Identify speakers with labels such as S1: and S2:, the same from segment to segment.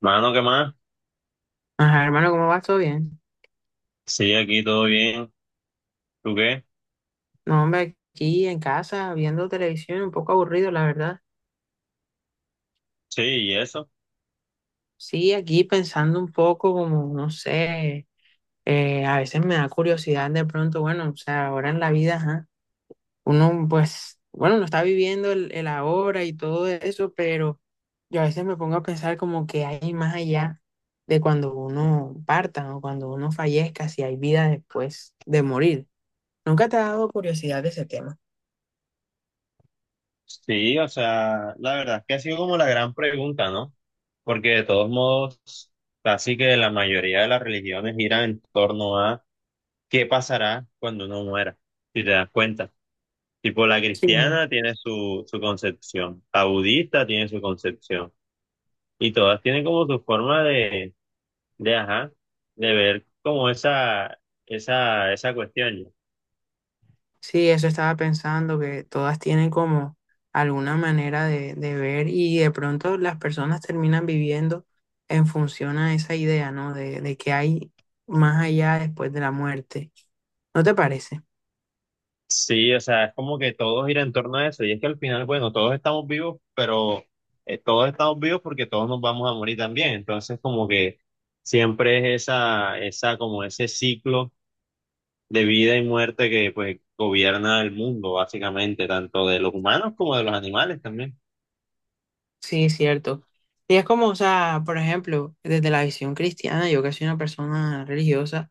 S1: Mano, ¿qué más?
S2: Ajá, hermano, ¿cómo vas? ¿Todo bien?
S1: Sí, aquí todo bien. ¿Tú qué?
S2: No, hombre, aquí en casa, viendo televisión, un poco aburrido, la verdad.
S1: Sí, ¿y eso?
S2: Sí, aquí pensando un poco como, no sé, a veces me da curiosidad de pronto, bueno, o sea, ahora en la vida, ajá, uno pues, bueno, no está viviendo el ahora y todo eso, pero yo a veces me pongo a pensar como que hay más allá de cuando uno parta o cuando uno fallezca, si hay vida después de morir. ¿Nunca te ha dado curiosidad de ese tema?
S1: Sí, o sea, la verdad es que ha sido como la gran pregunta, ¿no? Porque de todos modos, casi que la mayoría de las religiones giran en torno a qué pasará cuando uno muera, si te das cuenta. Tipo, la
S2: Sí.
S1: cristiana tiene su concepción, la budista tiene su concepción, y todas tienen como su forma de, ajá, de ver como esa cuestión, ¿no?
S2: Sí, eso estaba pensando, que todas tienen como alguna manera de ver y de pronto las personas terminan viviendo en función a esa idea, ¿no? De que hay más allá después de la muerte. ¿No te parece?
S1: Sí, o sea, es como que todo gira en torno a eso. Y es que al final, bueno, todos estamos vivos, pero todos estamos vivos porque todos nos vamos a morir también. Entonces, como que siempre es como ese ciclo de vida y muerte que pues gobierna el mundo, básicamente, tanto de los humanos como de los animales también.
S2: Sí, es cierto. Y es como, o sea, por ejemplo, desde la visión cristiana, yo que soy una persona religiosa,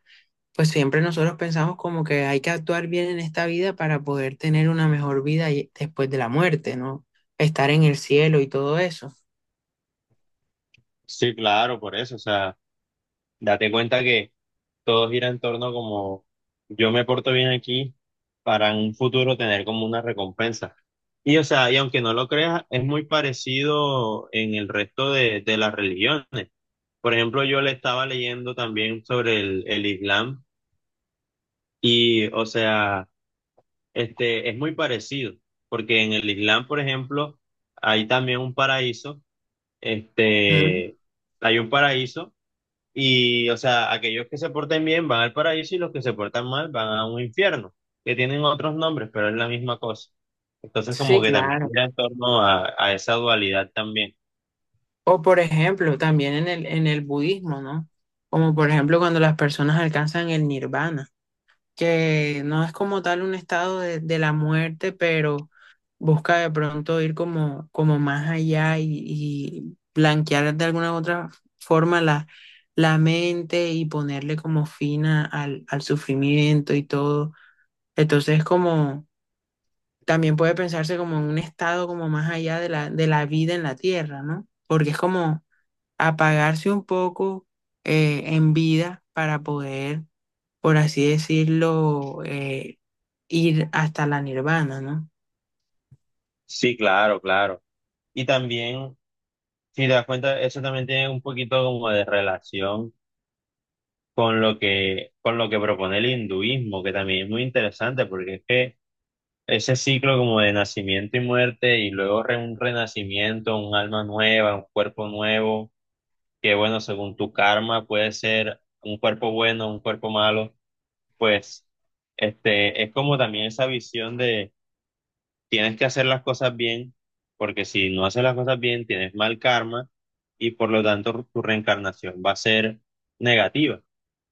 S2: pues siempre nosotros pensamos como que hay que actuar bien en esta vida para poder tener una mejor vida después de la muerte, ¿no? Estar en el cielo y todo eso.
S1: Sí, claro, por eso. O sea, date cuenta que todo gira en torno como yo me porto bien aquí para en un futuro tener como una recompensa. Y o sea, y aunque no lo creas, es muy parecido en el resto de las religiones. Por ejemplo, yo le estaba leyendo también sobre el Islam y o sea, este es muy parecido, porque en el Islam, por ejemplo, hay también un paraíso, este, hay un paraíso y, o sea, aquellos que se porten bien van al paraíso y los que se portan mal van a un infierno, que tienen otros nombres, pero es la misma cosa. Entonces, como
S2: Sí,
S1: que también
S2: claro.
S1: gira en torno a esa dualidad también.
S2: O por ejemplo, también en el budismo, ¿no? Como por ejemplo cuando las personas alcanzan el nirvana, que no es como tal un estado de la muerte, pero busca de pronto ir como, como más allá y blanquear de alguna u otra forma la mente y ponerle como fin al al sufrimiento y todo. Entonces como... también puede pensarse como en un estado como más allá de de la vida en la tierra, ¿no? Porque es como apagarse un poco en vida para poder, por así decirlo, ir hasta la nirvana, ¿no?
S1: Sí, claro, claro. Y también, si te das cuenta, eso también tiene un poquito como de relación con lo que propone el hinduismo, que también es muy interesante, porque es que ese ciclo como de nacimiento y muerte, y luego un renacimiento, un alma nueva, un cuerpo nuevo que bueno, según tu karma puede ser un cuerpo bueno, un cuerpo malo, pues este es como también esa visión de tienes que hacer las cosas bien, porque si no haces las cosas bien tienes mal karma y por lo tanto tu reencarnación va a ser negativa.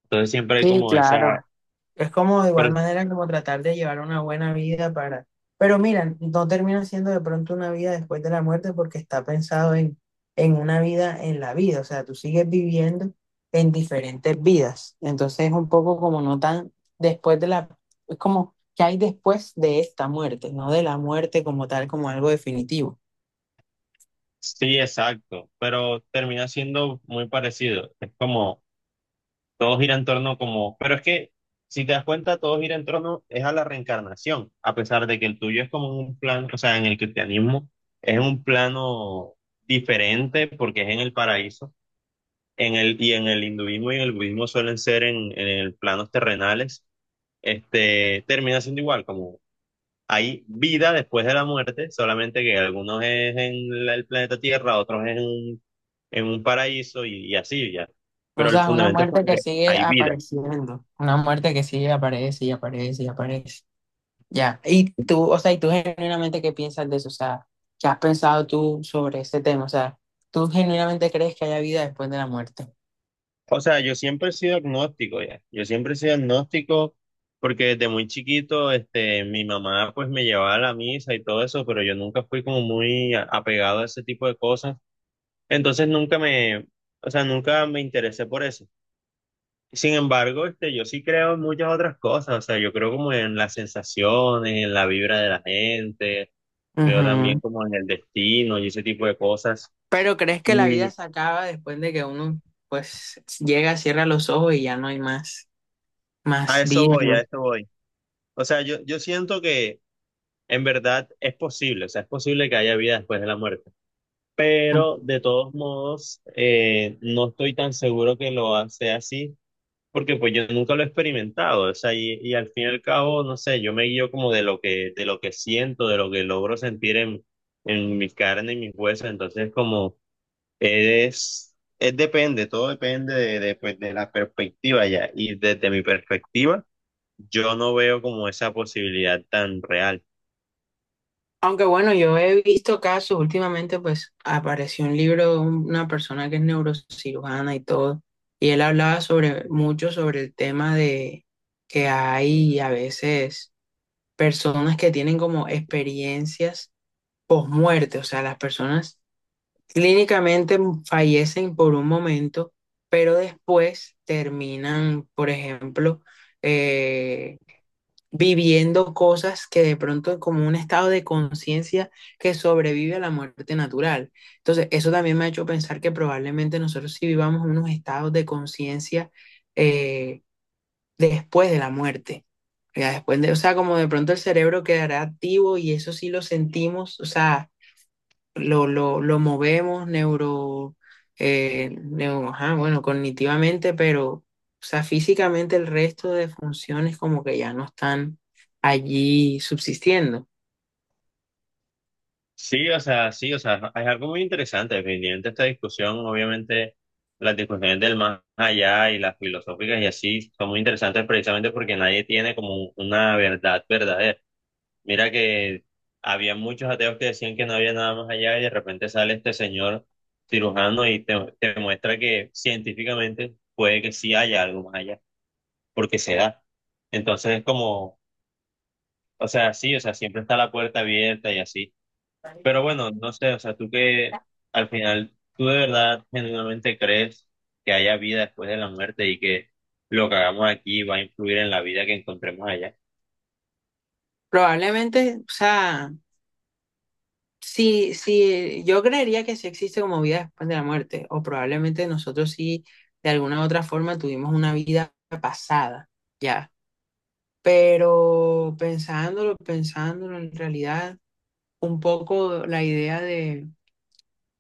S1: Entonces siempre hay
S2: Sí,
S1: como esa,
S2: claro. Es como de
S1: pero
S2: igual manera como tratar de llevar una buena vida para... Pero mira, no termina siendo de pronto una vida después de la muerte porque está pensado en una vida en la vida. O sea, tú sigues viviendo en diferentes vidas. Entonces es un poco como no tan después de la... Es como que hay después de esta muerte, no de la muerte como tal, como algo definitivo.
S1: sí, exacto, pero termina siendo muy parecido. Es como todo gira en torno como, pero es que si te das cuenta, todo gira en torno es a la reencarnación, a pesar de que el tuyo es como un plan, o sea, en el cristianismo es un plano diferente porque es en el paraíso, en el y en el hinduismo y en el budismo suelen ser en el planos terrenales, este termina siendo igual, como hay vida después de la muerte, solamente que algunos es en el planeta Tierra, otros es en un paraíso y así ya,
S2: O
S1: pero el
S2: sea, una
S1: fundamento es
S2: muerte
S1: como
S2: que
S1: que
S2: sigue
S1: hay vida.
S2: apareciendo, una muerte que sigue aparece y aparece y aparece. Ya, y tú, o sea, ¿y tú genuinamente qué piensas de eso? O sea, ¿qué has pensado tú sobre ese tema? O sea, ¿tú genuinamente crees que haya vida después de la muerte?
S1: O sea, yo siempre he sido agnóstico ya. Yo siempre he sido agnóstico porque desde muy chiquito, este, mi mamá pues me llevaba a la misa y todo eso, pero yo nunca fui como muy apegado a ese tipo de cosas. Entonces nunca me, o sea, nunca me interesé por eso. Sin embargo, este, yo sí creo en muchas otras cosas. O sea, yo creo como en las sensaciones, en la vibra de la gente, creo también
S2: Ujú.
S1: como en el destino y ese tipo de cosas.
S2: Pero ¿crees
S1: Y
S2: que la vida se acaba después de que uno, pues, llega, cierra los ojos y ya no hay más, más
S1: a eso
S2: vida?
S1: voy, a
S2: ¿No?
S1: eso voy. O sea, yo siento que en verdad es posible, o sea, es posible que haya vida después de la muerte, pero de todos modos no estoy tan seguro que lo hace así, porque pues yo nunca lo he experimentado, o sea, y al fin y al cabo, no sé, yo me guío como de de lo que siento, de lo que logro sentir en mi carne y mis huesos, entonces como es depende, todo depende pues, de la perspectiva ya, y desde mi perspectiva, yo no veo como esa posibilidad tan real.
S2: Aunque bueno, yo he visto casos últimamente, pues, apareció un libro de una persona que es neurocirujana y todo, y él hablaba sobre mucho sobre el tema de que hay a veces personas que tienen como experiencias post-muerte, o sea, las personas clínicamente fallecen por un momento, pero después terminan, por ejemplo, eh, viviendo cosas que de pronto es como un estado de conciencia que sobrevive a la muerte natural. Entonces, eso también me ha hecho pensar que probablemente nosotros sí vivamos unos estados de conciencia eh, después de la muerte. Ya después de, o sea, como de pronto el cerebro quedará activo y eso sí lo sentimos, o sea, lo movemos neuro, ajá, bueno, cognitivamente, pero, o sea, físicamente el resto de funciones como que ya no están allí subsistiendo.
S1: Sí, o sea, es algo muy interesante, definitivamente esta discusión, obviamente las discusiones del más allá y las filosóficas y así son muy interesantes precisamente porque nadie tiene como una verdad verdadera. Mira que había muchos ateos que decían que no había nada más allá y de repente sale este señor cirujano y te muestra que científicamente puede que sí haya algo más allá, porque se da. Entonces es como, o sea, sí, o sea, siempre está la puerta abierta y así. Pero bueno, no sé, o sea, tú que al final, tú de verdad genuinamente crees que haya vida después de la muerte y que lo que hagamos aquí va a influir en la vida que encontremos allá.
S2: Probablemente, o sea, sí, sí, yo creería que sí existe como vida después de la muerte, o probablemente nosotros sí, de alguna u otra forma, tuvimos una vida pasada. Ya, pero pensándolo, pensándolo en realidad, un poco la idea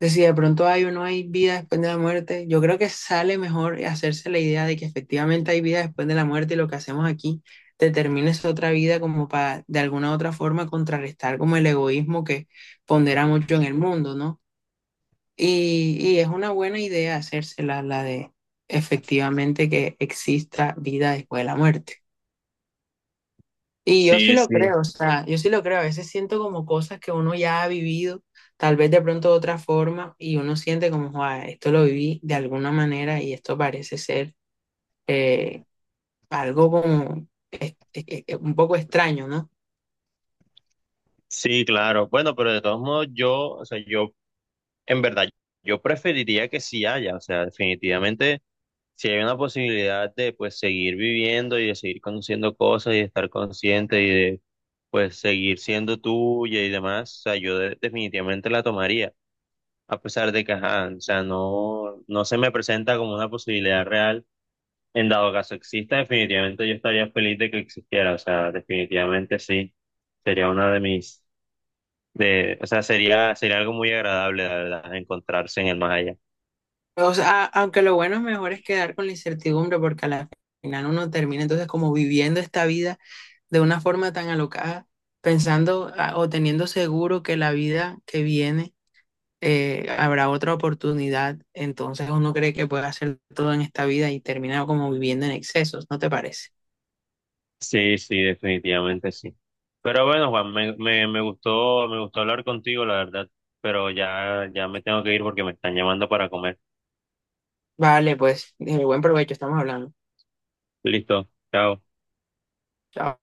S2: de si de pronto hay o no hay vida después de la muerte, yo creo que sale mejor hacerse la idea de que efectivamente hay vida después de la muerte y lo que hacemos aquí determina esa otra vida como para de alguna u otra forma contrarrestar como el egoísmo que pondera mucho en el mundo, ¿no? Y es una buena idea hacérsela, la de efectivamente que exista vida después de la muerte. Y yo sí
S1: Sí,
S2: lo
S1: sí,
S2: creo, o sea, yo sí lo creo. A veces siento como cosas que uno ya ha vivido, tal vez de pronto de otra forma, y uno siente como, "Joa, esto lo viví de alguna manera y esto parece ser eh, algo como un poco extraño, ¿no?
S1: sí, claro. Bueno, pero de todos modos, yo, o sea, yo, en verdad, yo preferiría que sí haya, o sea, definitivamente, si hay una posibilidad de, pues, seguir viviendo y de seguir conociendo cosas y de estar consciente y de, pues, seguir siendo tuya y demás, o sea, yo definitivamente la tomaría, a pesar de que, ajá, o sea, no, no se me presenta como una posibilidad real. En dado caso exista, definitivamente yo estaría feliz de que existiera, o sea, definitivamente sí. Sería una de mis, de, o sea, sería, sería algo muy agradable, la verdad, encontrarse en el más allá.
S2: O sea, aunque lo bueno es mejor es quedar con la incertidumbre porque a la final uno termina entonces como viviendo esta vida de una forma tan alocada, pensando ah, o teniendo seguro que la vida que viene habrá otra oportunidad, entonces uno cree que puede hacer todo en esta vida y termina como viviendo en excesos, ¿no te parece?
S1: Sí, sí, definitivamente sí. Pero bueno, Juan, me gustó hablar contigo, la verdad, pero ya me tengo que ir porque me están llamando para comer.
S2: Vale, pues, buen provecho, estamos hablando.
S1: Listo, chao.
S2: Chao.